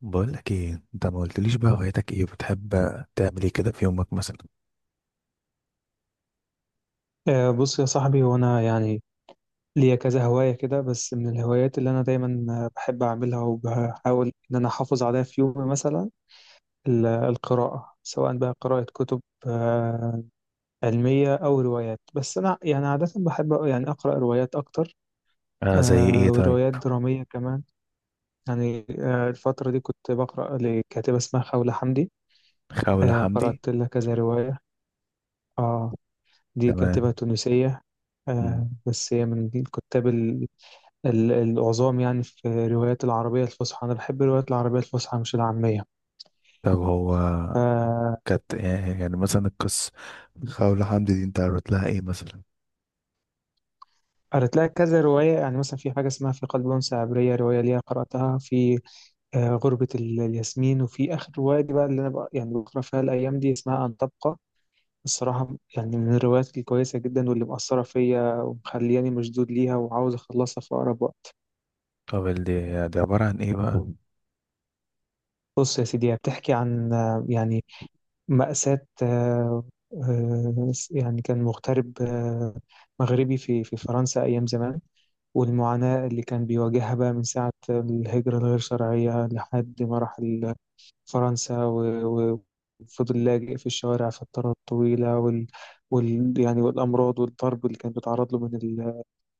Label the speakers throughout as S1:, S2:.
S1: بقول لك ايه؟ انت ما قلتليش بقى هوايتك ايه، بتحب تعمل ايه كده في يومك مثلا؟
S2: بص يا صاحبي، وانا يعني ليا كذا هواية كده. بس من الهوايات اللي انا دايما بحب اعملها، وبحاول ان انا احافظ عليها في يومي مثلا. القراءة، سواء بقى قراءة كتب آه، علمية او روايات، بس انا يعني عادة بحب يعني اقرأ روايات اكتر.
S1: آه، زي ايه طيب؟
S2: وروايات درامية كمان. يعني الفترة دي كنت بقرأ لكاتبة اسمها خولة حمدي.
S1: خولة حمدي.
S2: قرأت لها كذا رواية. اه دي كاتبة
S1: تمام.
S2: تونسية.
S1: مم.
S2: بس هي من الكتاب العظام، يعني في الروايات العربية الفصحى. أنا بحب الروايات العربية الفصحى، مش العامية.
S1: طب هو
S2: فقرأت
S1: كانت يعني مثلا القصة، خولة حمدي دي انت قريت لها ايه مثلا؟
S2: لها كذا رواية، يعني مثلا في حاجة اسمها في قلب أنثى عبرية، رواية ليها قرأتها، في غربة الياسمين. وفي آخر رواية دي بقى اللي أنا يعني بقرأ فيها الأيام دي، اسمها أن تبقى. الصراحة يعني من الروايات الكويسة جدا، واللي مأثرة فيا ومخلياني مشدود ليها وعاوز أخلصها في أقرب وقت.
S1: طب دي عبارة عن ايه بقى؟
S2: بص يا سيدي، هي بتحكي عن يعني مأساة. يعني كان مغترب، مغربي، في فرنسا أيام زمان، والمعاناة اللي كان بيواجهها بقى من ساعة الهجرة الغير شرعية، لحد ما راح فرنسا وفضل لاجئ في الشوارع فترات طويلة، وال, وال يعني والأمراض والضرب اللي كان بيتعرض له من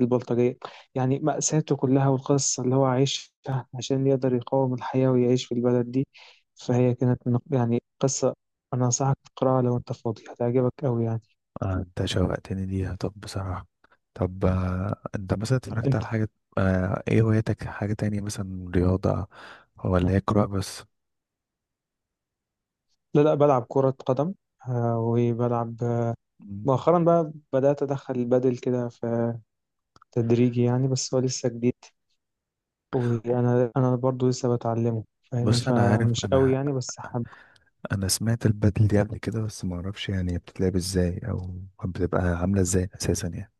S2: البلطجية. يعني مأساته كلها والقصة اللي هو عايشها عشان يقدر يقاوم الحياة ويعيش في البلد دي. فهي كانت يعني قصة، أنا أنصحك تقرأها لو أنت فاضي، هتعجبك أوي يعني.
S1: آه، انت شوقتني ليها. طب بصراحة، طب انت مثلا اتفرجت
S2: أنت.
S1: على حاجة؟ آه، ايه هوايتك؟ حاجة تانية مثلا، رياضة ولا هي قراءة بس؟
S2: لا لا، بلعب كرة قدم. وبلعب
S1: مم.
S2: مؤخرا بقى بدأت أدخل البادل كده في تدريجي يعني، بس هو لسه جديد، وأنا برضو لسه بتعلمه، فاهمني،
S1: بص انا عارف،
S2: فمش قوي
S1: انا
S2: يعني، بس حابب.
S1: انا سمعت البدل دي قبل كده بس ما اعرفش يعني بتتلعب ازاي او بتبقى عامله ازاي اساسا يعني.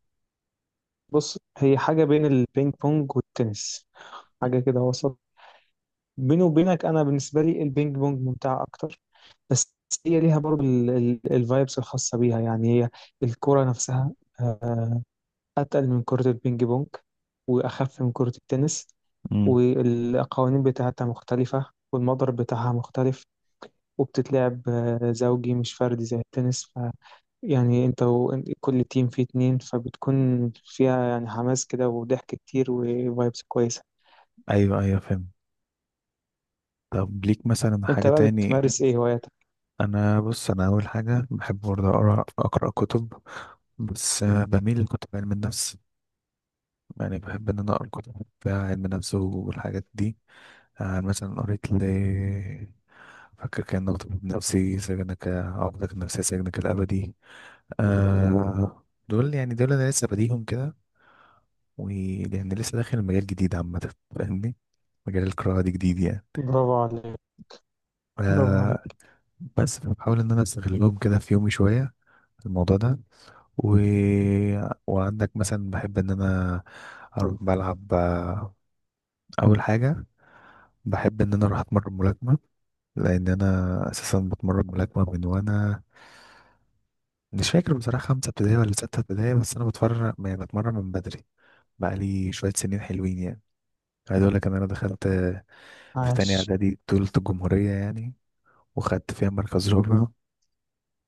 S2: بص، هي حاجة بين البينج بونج والتنس، حاجة كده وسط. بيني وبينك، انا بالنسبه لي البينج بونج ممتعه اكتر، بس هي ليها برضو الفايبس الخاصه بيها. يعني هي الكره نفسها آه، اتقل من كره البينج بونج، واخف من كره التنس.
S1: امم.
S2: والقوانين بتاعتها مختلفه، والمضرب بتاعها مختلف. وبتتلعب زوجي مش فردي زي التنس، يعني انت كل تيم فيه اتنين، فبتكون فيها يعني حماس كده وضحك كتير وفايبس كويسه.
S1: ايوه، ايوه، فاهم. طب ليك مثلا
S2: انت
S1: حاجه
S2: بقى
S1: تاني؟
S2: بتمارس ايه هواياتك؟
S1: انا بص، انا اول حاجه بحب برضه اقرا كتب، بس بميل لكتب علم النفس، يعني بحب ان انا اقرا كتب بتاع علم النفس والحاجات دي. مثلا قريت ل، فاكر كان طبيب نفسي، سجنك، عقدك النفسية، سجنك الأبدي. آه، دول يعني دول أنا لسه بديهم كده، ولأن لسه داخل مجال جديد عامة فاهمني، مجال القراءة دي جديد يعني.
S2: برافو عليك.
S1: ف-
S2: برافو عليك.
S1: بس بحاول إن أنا أستغلهم كده في يومي شوية في الموضوع ده. و... وعندك مثلا بحب إن أنا أروح بلعب، أول حاجة بحب إن أنا أروح أتمرن ملاكمة، لأن أنا أساسا بتمرن ملاكمة من وأنا مش فاكر بصراحة، خمسة ابتدائي ولا ستة ابتدائي، بس أنا بتفرج يعني بتمرن من بدري، بقالي شوية سنين حلوين يعني. عايز أقول لك إن أنا دخلت في تانية
S2: عاش.
S1: إعدادي بطولة الجمهورية يعني، وخدت فيها مركز رابع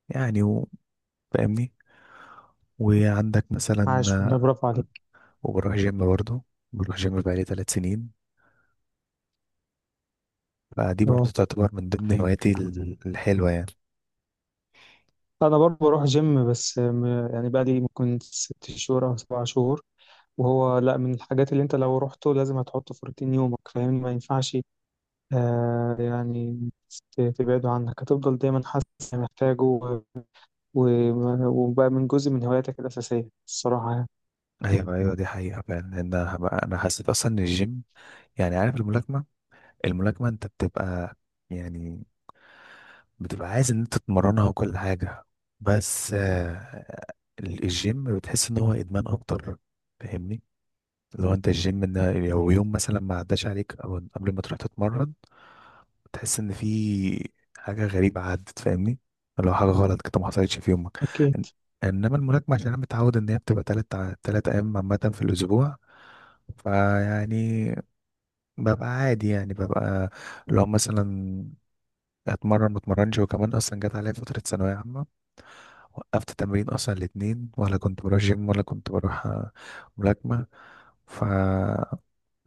S1: يعني فاهمني. وعندك مثلا،
S2: عاش والله، برافو عليك.
S1: وبروح جيم برضه، بروح جيم بقالي 3 سنين، فدي
S2: واو.
S1: برضه تعتبر من ضمن هواياتي الحلوة يعني.
S2: انا برضه بروح جيم، بس يعني بقى لي ممكن ست شهور او سبع شهور، وهو لا من الحاجات اللي انت لو رحته لازم هتحطه في روتين يومك، فاهمني، ما ينفعش يعني تبعده عنك، هتفضل دايما حاسس إنك محتاجه، وبقى من جزء من هواياتك الاساسيه الصراحه يعني.
S1: أيوة، أيوة، دي حقيقة فعلا، لأن أنا حسيت أصلا إن الجيم، يعني عارف الملاكمة أنت بتبقى، يعني بتبقى عايز إن أنت تتمرنها وكل حاجة، بس الجيم بتحس إن هو إدمان أكتر فاهمني. لو انت الجيم ان، لو يوم مثلا ما عداش عليك او قبل ما تروح تتمرن، تحس ان في حاجه غريبه عدت فاهمني، لو حاجه غلط كده ما حصلتش في يومك.
S2: اكيد.
S1: إن- انما الملاكمه عشان انا متعود ان هي بتبقى تلات ايام عامه في الاسبوع، فيعني ببقى عادي يعني ببقى لو مثلا اتمرن ما اتمرنش. وكمان اصلا جت عليا فتره ثانويه عامه، وقفت تمرين اصلا الاتنين، ولا كنت بروح جيم ولا كنت بروح ملاكمه، ف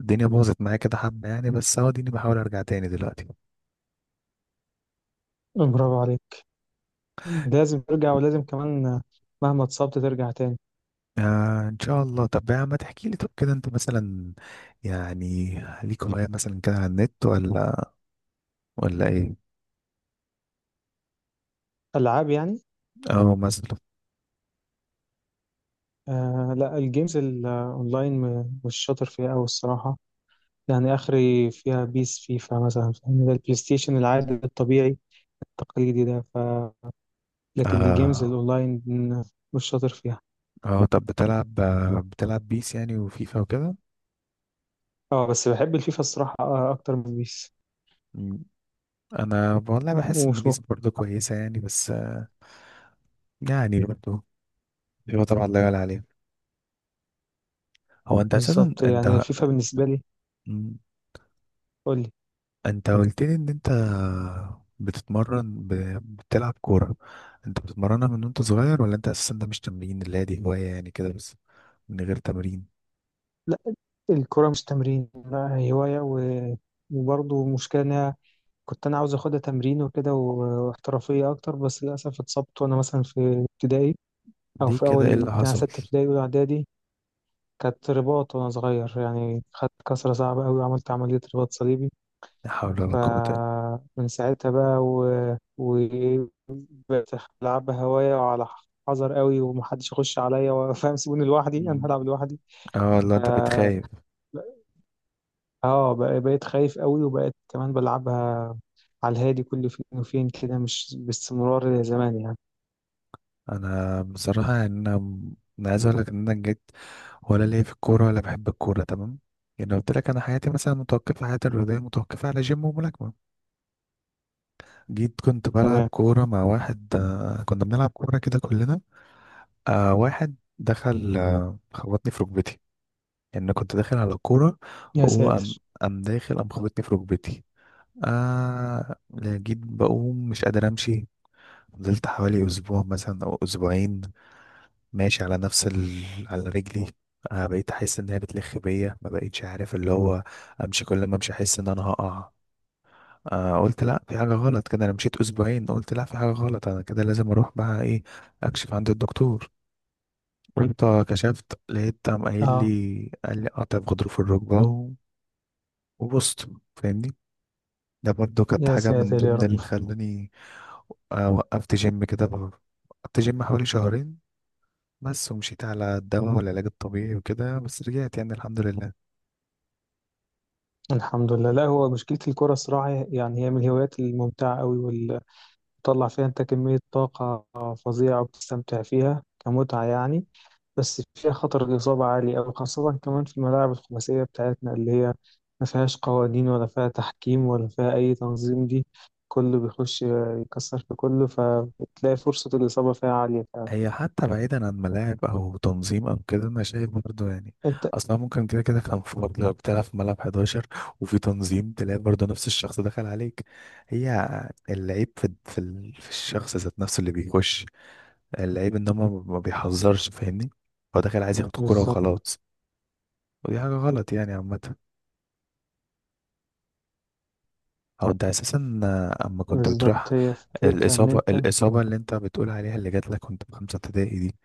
S1: الدنيا باظت معايا كده حبة يعني، بس اهو اديني بحاول ارجع تاني دلوقتي.
S2: برافو عليك. لازم ترجع، ولازم كمان مهما اتصبت ترجع تاني.
S1: آه ان شاء الله. طب يا عم تحكي لي، طب كده انت مثلا يعني ليك هواية مثلا كده على النت ولا ايه؟
S2: العاب يعني؟
S1: اه مثلا.
S2: لا، الجيمز الاونلاين مش شاطر فيها قوي الصراحه، يعني اخري فيها بيس، فيفا مثلا، فاهم، ده البلاي ستيشن العادي الطبيعي التقليدي ده، لكن الجيمز
S1: اه.
S2: الاونلاين مش شاطر فيها.
S1: اه طب بتلعب بيس يعني وفيفا وكده.
S2: اه بس بحب الفيفا الصراحه اكتر من بيس.
S1: مم. انا والله بحس ان
S2: ومش مخ...
S1: بيس برضه كويسة يعني بس يعني برضه، فيفا طبعا لا يعلى عليها، هو انت اساسا
S2: بالظبط،
S1: انت.
S2: يعني الفيفا بالنسبه لي.
S1: مم.
S2: قول لي.
S1: انت قلت لي ان انت بتتمرن ب... بتلعب كورة، انت بتتمرنها من وانت صغير ولا انت اساسا ده مش تمرين، اللي هي دي هواية يعني كده بس من غير تمرين؟
S2: لا، الكره مش تمرين، لا هوايه وبرضه مشكله انها، كنت انا عاوز اخدها تمرين وكده واحترافيه اكتر، بس للاسف اتصبت وانا مثلا في ابتدائي، أو
S1: دي
S2: في
S1: كده ايه
S2: أول
S1: اللي
S2: يعني
S1: حصل؟
S2: ستة ابتدائي أولى إعدادي، كانت رباط وأنا صغير يعني، خدت كسرة صعبة أوي وعملت عملية رباط صليبي.
S1: لا حول ولا قوة الا
S2: فمن ساعتها بقى وبقيت ألعبها هواية، وعلى حذر أوي، ومحدش يخش عليا وفاهم، سيبوني لوحدي، أنا
S1: بالله.
S2: هلعب لوحدي.
S1: اه والله
S2: ف-
S1: انت بتخايف.
S2: بقيت خايف قوي، وبقيت كمان بلعبها على الهادي، كل فين وفين كده، مش باستمرار زي زمان يعني.
S1: انا بصراحة يعني، انا عايز اقول لك ان انا جيت، ولا ليا في الكورة ولا بحب الكورة تمام، يعني لو قلت لك انا حياتي مثلا متوقفة، حياتي الرياضية متوقفة على جيم وملاكمة. جيت كنت بلعب
S2: تمام.
S1: كورة مع واحد، كنا بنلعب كورة كده كلنا، واحد دخل خبطني في ركبتي، يعني أنا كنت داخل على الكورة
S2: يا
S1: وهو قام،
S2: ساتر.
S1: قام داخل قام خبطني في ركبتي، آه لا، جيت بقوم مش قادر أمشي. فضلت حوالي أسبوع مثلا أو أسبوعين ماشي على نفس على رجلي، بقيت أحس إن هي بتلخ بيا، ما بقيتش عارف اللي هو أمشي، كل ما أمشي أحس إن أنا هقع، قلت لا، في حاجة غلط كده، أنا مشيت أسبوعين، قلت لا، في حاجة غلط، أنا كده لازم أروح بقى إيه، أكشف عند الدكتور، رحت كشفت لقيت، قام قايل
S2: اه.
S1: لي قال لي قطع في غضروف الركبة وبصت فاهمني، ده برضو كانت
S2: يا
S1: حاجة من
S2: ساتر يا
S1: ضمن اللي
S2: رب.
S1: خلاني وقفت جيم كده وقفت جيم حوالي شهرين بس، ومشيت على الدواء والعلاج الطبيعي وكده، بس رجعت يعني الحمد لله.
S2: الحمد لله. لا، هو مشكلة الكرة الصراحة يعني، هي من الهوايات الممتعة قوي، واللي بتطلع فيها انت كمية طاقة فظيعة، وبتستمتع فيها كمتعة يعني، بس فيها خطر الإصابة عالي أوي، خاصة كمان في الملاعب الخماسية بتاعتنا، اللي هي ما فيهاش قوانين، ولا فيها تحكيم، ولا فيها أي تنظيم. دي كله بيخش يكسر في كله، فبتلاقي فرصة الإصابة فيها عالية فعلا.
S1: هي حتى بعيدا عن ملاعب او تنظيم او كده، انا شايف برضه يعني
S2: أنت.
S1: اصلا ممكن كده كده كان في برضه، لو بتلعب في ملعب 11 وفي تنظيم تلاقي برضه نفس الشخص دخل عليك، هي اللعيب في الشخص ذات نفسه اللي بيخش، اللعيب ان هو ما بيحذرش فاهمني، هو داخل عايز ياخد الكوره
S2: بالظبط.
S1: وخلاص، ودي حاجه غلط يعني عامه، او ده اساسا اما كنت بتروح.
S2: بالظبط، هي فكرتها إن
S1: الاصابه
S2: أنت.
S1: الاصابه اللي انت بتقول عليها، اللي جات لك وانت في خمسه ابتدائي دي،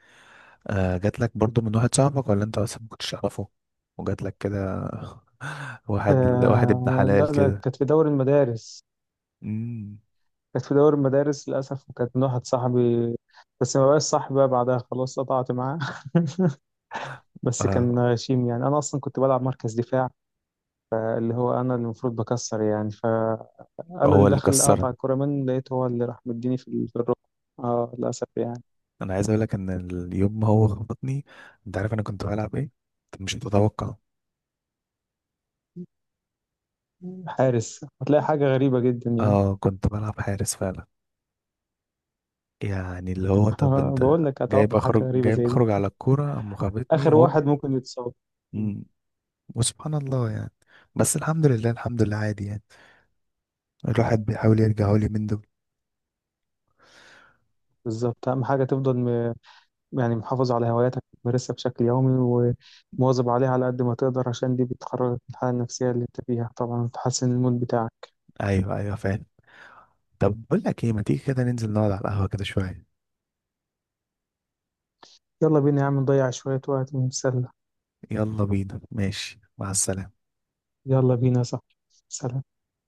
S1: آه جات لك برضو من واحد صاحبك ولا انت اصلا ما كنتش تعرفه وجات لك كده؟ واحد واحد ابن
S2: لا،
S1: حلال
S2: ده
S1: كده.
S2: كانت في دوري المدارس،
S1: امم.
S2: كانت في دوري المدارس للأسف، وكانت من واحد صاحبي، بس ما بقاش صاحبي بقى بعدها، خلاص قطعت معاه. بس
S1: آه،
S2: كان غشيم يعني، أنا أصلا كنت بلعب مركز دفاع، اللي هو أنا اللي المفروض بكسر يعني، فأنا
S1: هو
S2: اللي
S1: اللي
S2: دخل
S1: كسرك؟
S2: قطع الكرة منه لقيته هو اللي راح مديني في في الركبة. اه، للأسف يعني.
S1: انا عايز اقول لك ان اليوم ما هو خبطني، انت عارف انا كنت بلعب ايه؟ انت مش هتتوقع،
S2: حارس، هتلاقي حاجة غريبة جدا يعني.
S1: اه كنت بلعب حارس فعلا، يعني اللي هو طب انت،
S2: بقول لك
S1: جايب
S2: أتوقع حاجة
S1: اخرج
S2: غريبة
S1: جايب
S2: زي دي.
S1: اخرج على الكوره قام خبطني
S2: آخر
S1: هوب.
S2: واحد ممكن يتصاب. مم.
S1: امم، وسبحان الله يعني، بس الحمد لله الحمد لله عادي يعني، الواحد بيحاول يرجع لي من دول.
S2: بالظبط، أهم حاجة تفضل يعني محافظ على هواياتك، بتمارسها بشكل يومي، ومواظب عليها على قد ما تقدر، عشان دي بتخرجك من الحالة النفسية اللي انت فيها طبعا، وتحسن المود بتاعك.
S1: ايوه ايوه فاهم، طب بقول لك ايه، ما تيجي كده ننزل نقعد على القهوة كده شوية؟
S2: يلا بينا يا عم، نضيع شوية وقت ونتسلى.
S1: يلا بينا ماشي، مع السلامة.
S2: يلا بينا، صح. سلام.